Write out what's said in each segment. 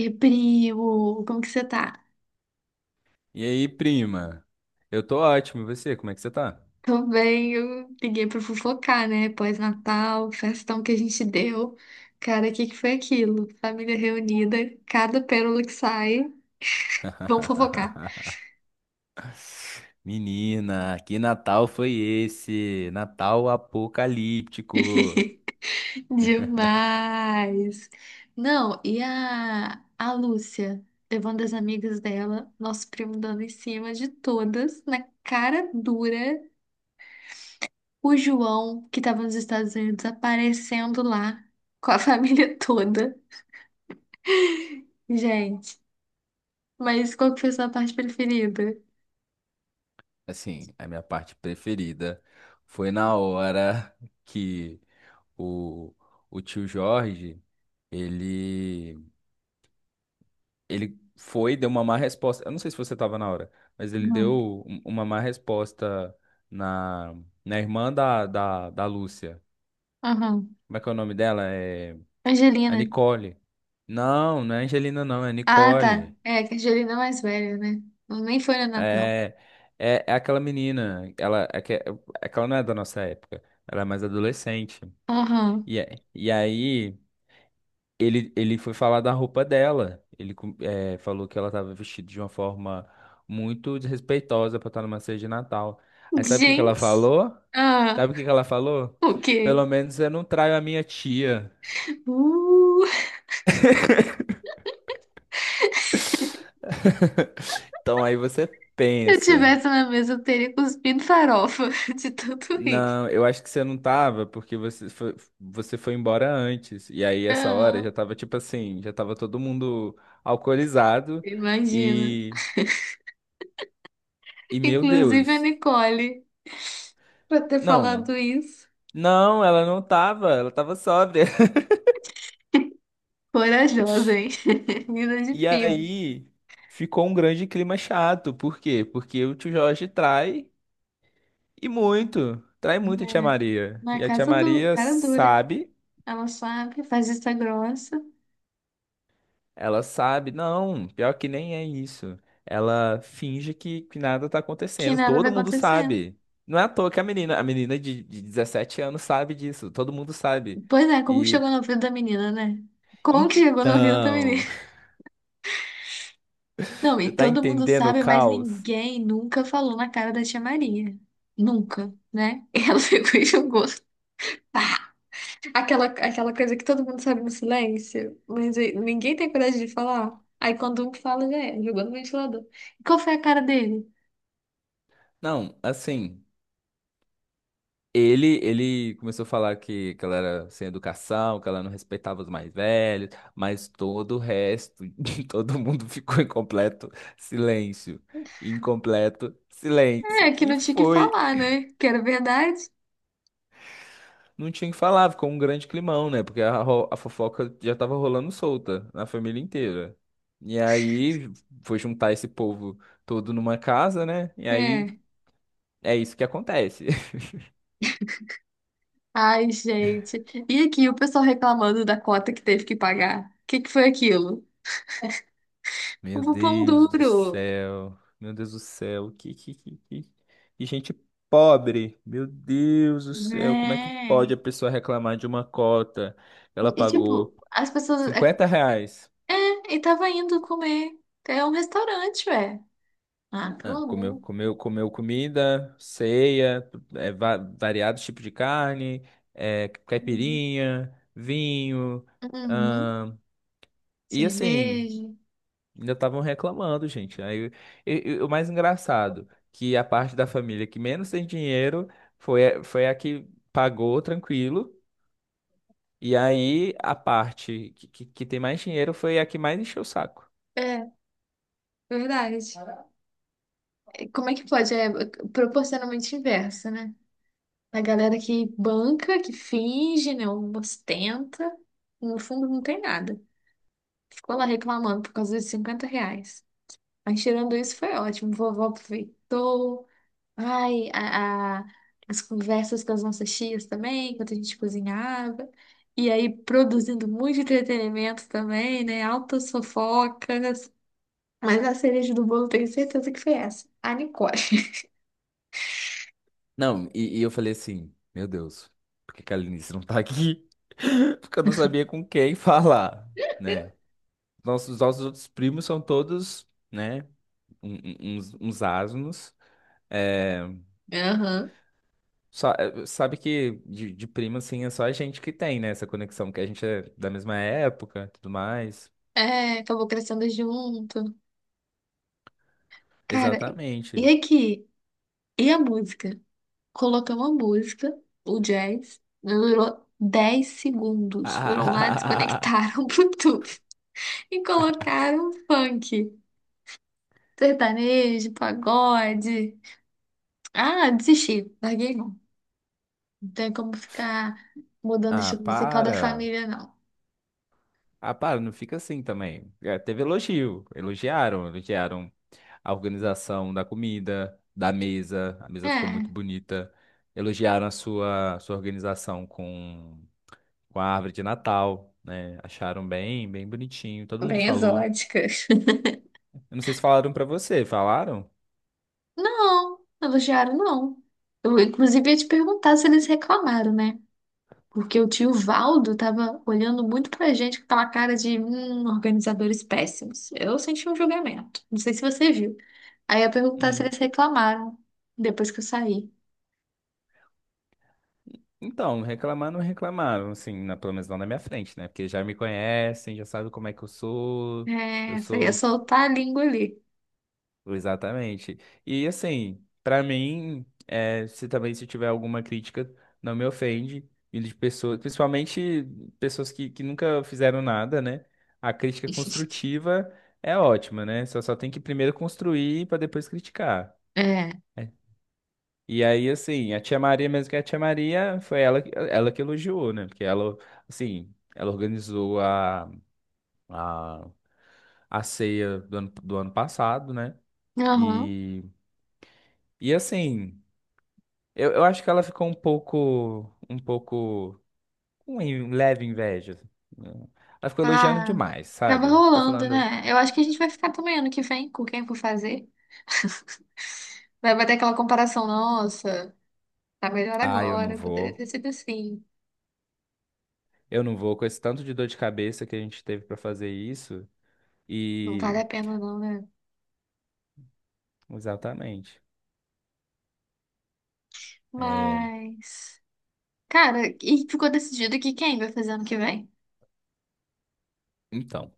E primo, como que você tá? E aí, prima? Eu tô ótimo, e você? Como é que você tá? Tô bem, eu liguei pra fofocar, né? Pós-Natal, festão que a gente deu. Cara, o que que foi aquilo? Família reunida, cada pérola que sai, vamos fofocar. Menina, que Natal foi esse? Natal apocalíptico. Demais! Não, e a Lúcia, levando as amigas dela, nosso primo dando em cima de todas, na cara dura. O João, que tava nos Estados Unidos, aparecendo lá com a família toda. Gente, mas qual que foi a sua parte preferida? Assim, a minha parte preferida foi na hora que o, o tio Jorge, ele, ele foi, deu uma má resposta. Eu não sei se você tava na hora, mas ele Uhum. deu uma má resposta na, na irmã da Lúcia. Uhum. Como é que é o nome dela? É. A Angelina. Nicole. Não, não é Angelina, não, é Ah, tá. Nicole. É, que a Angelina é mais velha, né? Nem foi no Natal. É, é aquela menina. Ela é que ela não é da nossa época. Ela é mais adolescente. Aham. E aí ele foi falar da roupa dela. Falou que ela estava vestida de uma forma muito desrespeitosa para estar numa ceia de Natal. Aí sabe o que que ela Gente. falou? Ah, Sabe o que que ela falou? o quê? Pelo menos eu não traio a minha tia. Uh, Então aí você se eu pensa. tivesse na mesa, eu teria cuspido farofa de tanto rir. Não, eu acho que você não tava, porque você foi embora antes. E aí, essa hora Ah, já tava tipo assim, já tava todo mundo alcoolizado. imagina. E, e meu Inclusive a Deus. Nicole, pra ter Não, falado isso. não, ela não tava, ela tava sóbria. Corajosa, hein? Menina de E fibra. aí ficou um grande clima chato. Por quê? Porque o tio Jorge trai e muito. Trai muito a tia É. Maria. Na E a tia casa do Maria cara dura. sabe. Ela sabe, faz vista grossa, Ela sabe, não, pior que nem é isso. Ela finge que nada tá que acontecendo. nada vai Todo mundo acontecer. sabe. Não é à toa que a menina de 17 anos sabe disso. Todo mundo sabe. Pois é, como E chegou no ouvido da menina, né? Como que chegou no ouvido da menina? então, Não, você e tá todo mundo entendendo o sabe, mas caos? ninguém nunca falou na cara da tia Maria. Nunca, né? E ela ficou e jogou. Aquela coisa que todo mundo sabe no silêncio, mas aí ninguém tem coragem de falar. Aí quando um fala, já é, jogou no ventilador. E qual foi a cara dele? Não, assim. Ele começou a falar que ela era sem educação, que ela não respeitava os mais velhos, mas todo o resto, todo mundo ficou em completo silêncio. Em completo É, silêncio. que E não tinha que foi. falar, né? Que era verdade. Não tinha o que falar, ficou um grande climão, né? Porque a fofoca já tava rolando solta na família inteira. E aí foi juntar esse povo todo numa casa, né? E aí É. é isso que acontece. Ai, gente. E aqui o pessoal reclamando da cota que teve que pagar. O que que foi aquilo? Meu O pão Deus do duro. céu. Meu Deus do céu. Que gente pobre. Meu Deus do céu. Como é que É. pode a pessoa reclamar de uma cota? Ela E tipo, pagou as pessoas. É, 50 reais. é, e tava indo comer. É um restaurante, ué. Ah, pelo Ah, comeu, amor. comeu, comeu comida, ceia, variados tipos de carne, Uhum. caipirinha, vinho. Uhum. ahn, e assim. Cerveja. Ainda estavam reclamando, gente. Aí, e o mais engraçado, que a parte da família que menos tem dinheiro foi a que pagou tranquilo. E aí a parte que tem mais dinheiro foi a que mais encheu o saco. É, verdade. E como é que pode? É proporcionalmente inversa, né? A galera que banca, que finge, né? Ostenta. No fundo não tem nada. Ficou lá reclamando por causa dos R$ 50. Mas tirando isso foi ótimo. Vovó aproveitou. Ai, as conversas com as nossas tias também, enquanto a gente cozinhava. E aí produzindo muito entretenimento também, né? Altas fofocas. Mas a cereja do bolo tenho certeza que foi essa. A Nicole. Não, e eu falei assim, meu Deus, por que que a Linice não tá aqui? Porque eu não sabia com quem falar, né? Nossos outros primos são todos, né, uns asnos. Aham. Só, sabe que de primo, assim, é só a gente que tem, né? Essa conexão, que a gente é da mesma época, e tudo mais. É, acabou crescendo junto. Cara, e Exatamente. aqui? E a música? Colocamos a música, o jazz, durou 10 segundos. Foram lá, Ah, desconectaram o Bluetooth e colocaram funk, sertanejo, pagode. Ah, desisti, larguei mão. Não tem como ficar mudando o ah, estilo musical da para. família, não. Ah, para, não fica assim também. É, teve elogio. Elogiaram a organização da comida, da mesa. A mesa ficou muito É, bonita. Elogiaram a sua organização com a árvore de Natal, né? Acharam bem, bem bonitinho. Todo mundo bem falou. exótica. Eu não sei se falaram pra você, falaram? Não, elogiaram, não. Eu, inclusive, ia te perguntar se eles reclamaram, né? Porque o tio Valdo tava olhando muito pra gente com aquela cara de organizadores péssimos. Eu senti um julgamento. Não sei se você viu. Aí eu perguntar se Hum. eles reclamaram depois que eu saí. Então, reclamar não reclamaram, assim, pelo menos não na minha frente, né? Porque já me conhecem, já sabem como é que eu É, você ia sou soltar a língua ali. exatamente. E assim, pra mim, se também se tiver alguma crítica, não me ofende. E de pessoas, principalmente pessoas que nunca fizeram nada, né? A crítica construtiva é ótima, né? Só tem que primeiro construir pra depois criticar. É. E aí, assim, a tia Maria, mesmo que é a tia Maria, foi ela, ela que elogiou, né? Porque ela, assim, ela organizou a, a ceia do ano passado, né? Aham. E, e assim, eu acho que ela ficou um pouco, leve inveja, né? Ela ficou elogiando Ah, demais, acaba sabe? Ficou rolando, falando, né? Eu acho que a gente vai ficar também ano que vem com quem for fazer. Vai bater aquela comparação, nossa, tá melhor ah, eu não agora, poderia vou, ter sido assim. eu não vou, com esse tanto de dor de cabeça que a gente teve pra fazer isso. Não E, vale a pena não, né? exatamente. É, Mas. Cara, e ficou decidido que quem vai fazer ano que vem? então.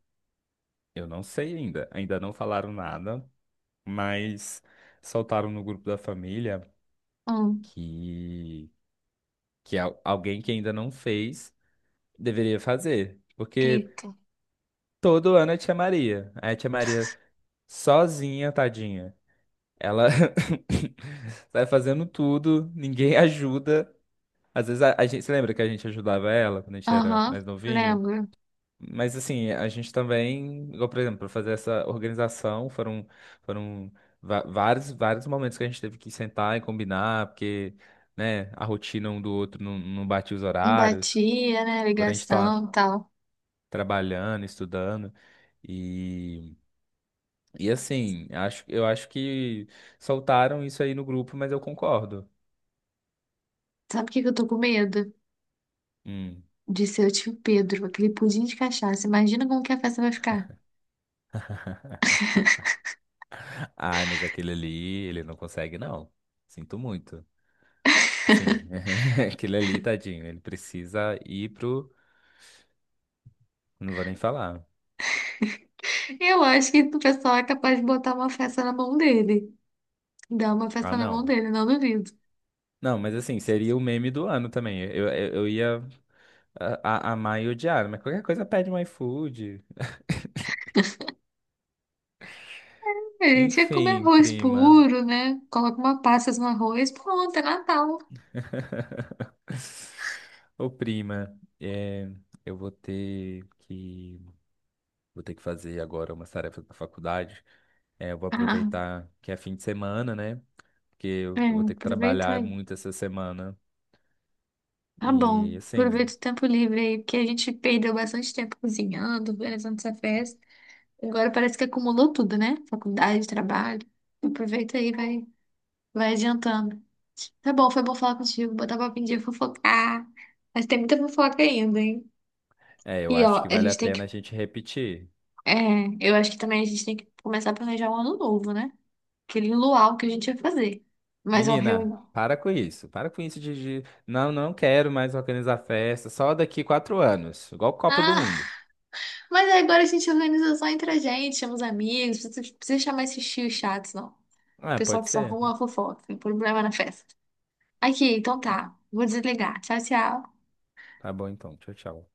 Eu não sei ainda, ainda não falaram nada, mas soltaram no grupo da família Um. que, que alguém que ainda não fez deveria fazer, porque Eita. todo ano é tia Maria, aí a tia Maria sozinha, tadinha, ela sai fazendo tudo, ninguém ajuda, às vezes a gente, você lembra que a gente ajudava ela quando a gente era Aham, mais novinho? lembro. Mas assim, a gente também, igual, por exemplo, para fazer essa organização, foram vários momentos que a gente teve que sentar e combinar, porque, né, a rotina um do outro não batia os horários, Batia, né? quando a gente tá Ligação e tal. trabalhando, estudando. E, e assim, eu acho que soltaram isso aí no grupo, mas eu concordo. Sabe o que que eu tô com medo? Hum. De seu tio Pedro, aquele pudim de cachaça. Imagina como que a festa vai ficar. Ai, mas aquele ali, ele não consegue, não. Sinto muito. Assim, aquele ali, tadinho, ele precisa ir pro. Não vou nem falar. Eu acho que o pessoal é capaz de botar uma festa na mão dele. Dar uma Ah, festa na mão não. dele, não duvido. Não, mas assim, seria o meme do ano também. Eu ia amar e odiar, mas qualquer coisa pede um iFood. A gente ia comer Enfim, arroz prima. puro, né? Coloca uma pasta no arroz, pronto, é Natal. Ô, prima, eu vou ter que. Vou ter que fazer agora umas tarefas da faculdade. É, eu vou Ah, aproveitar que é fim de semana, né? Porque é, eu vou ter que aproveita. trabalhar muito essa semana. Tá bom, E assim. aproveita o tempo livre aí, porque a gente perdeu bastante tempo cozinhando, organizando essa festa. Agora parece que acumulou tudo, né? Faculdade, trabalho. Aproveita aí, vai, vai adiantando. Tá bom, foi bom falar contigo, botar papo em dia, fofocar. Mas tem muita fofoca ainda, hein? É, eu E ó, acho que a vale a gente tem pena a que. gente repetir. É, eu acho que também a gente tem que começar a planejar o ano novo, né? Aquele luau que a gente ia fazer. Mas ó, Menina, reunião. para com isso. Para com isso. Não, não quero mais organizar festa. Só daqui 4 anos. Igual Copa do Ah, Mundo. mas agora a gente organiza só entre a gente, chama os amigos, não precisa chamar esses tios chatos, não. Ah, Pessoal pode que só ser? arruma fofoca, tem problema na festa. Aqui, então tá. Vou desligar. Tchau, tchau. Tá bom então. Tchau, tchau.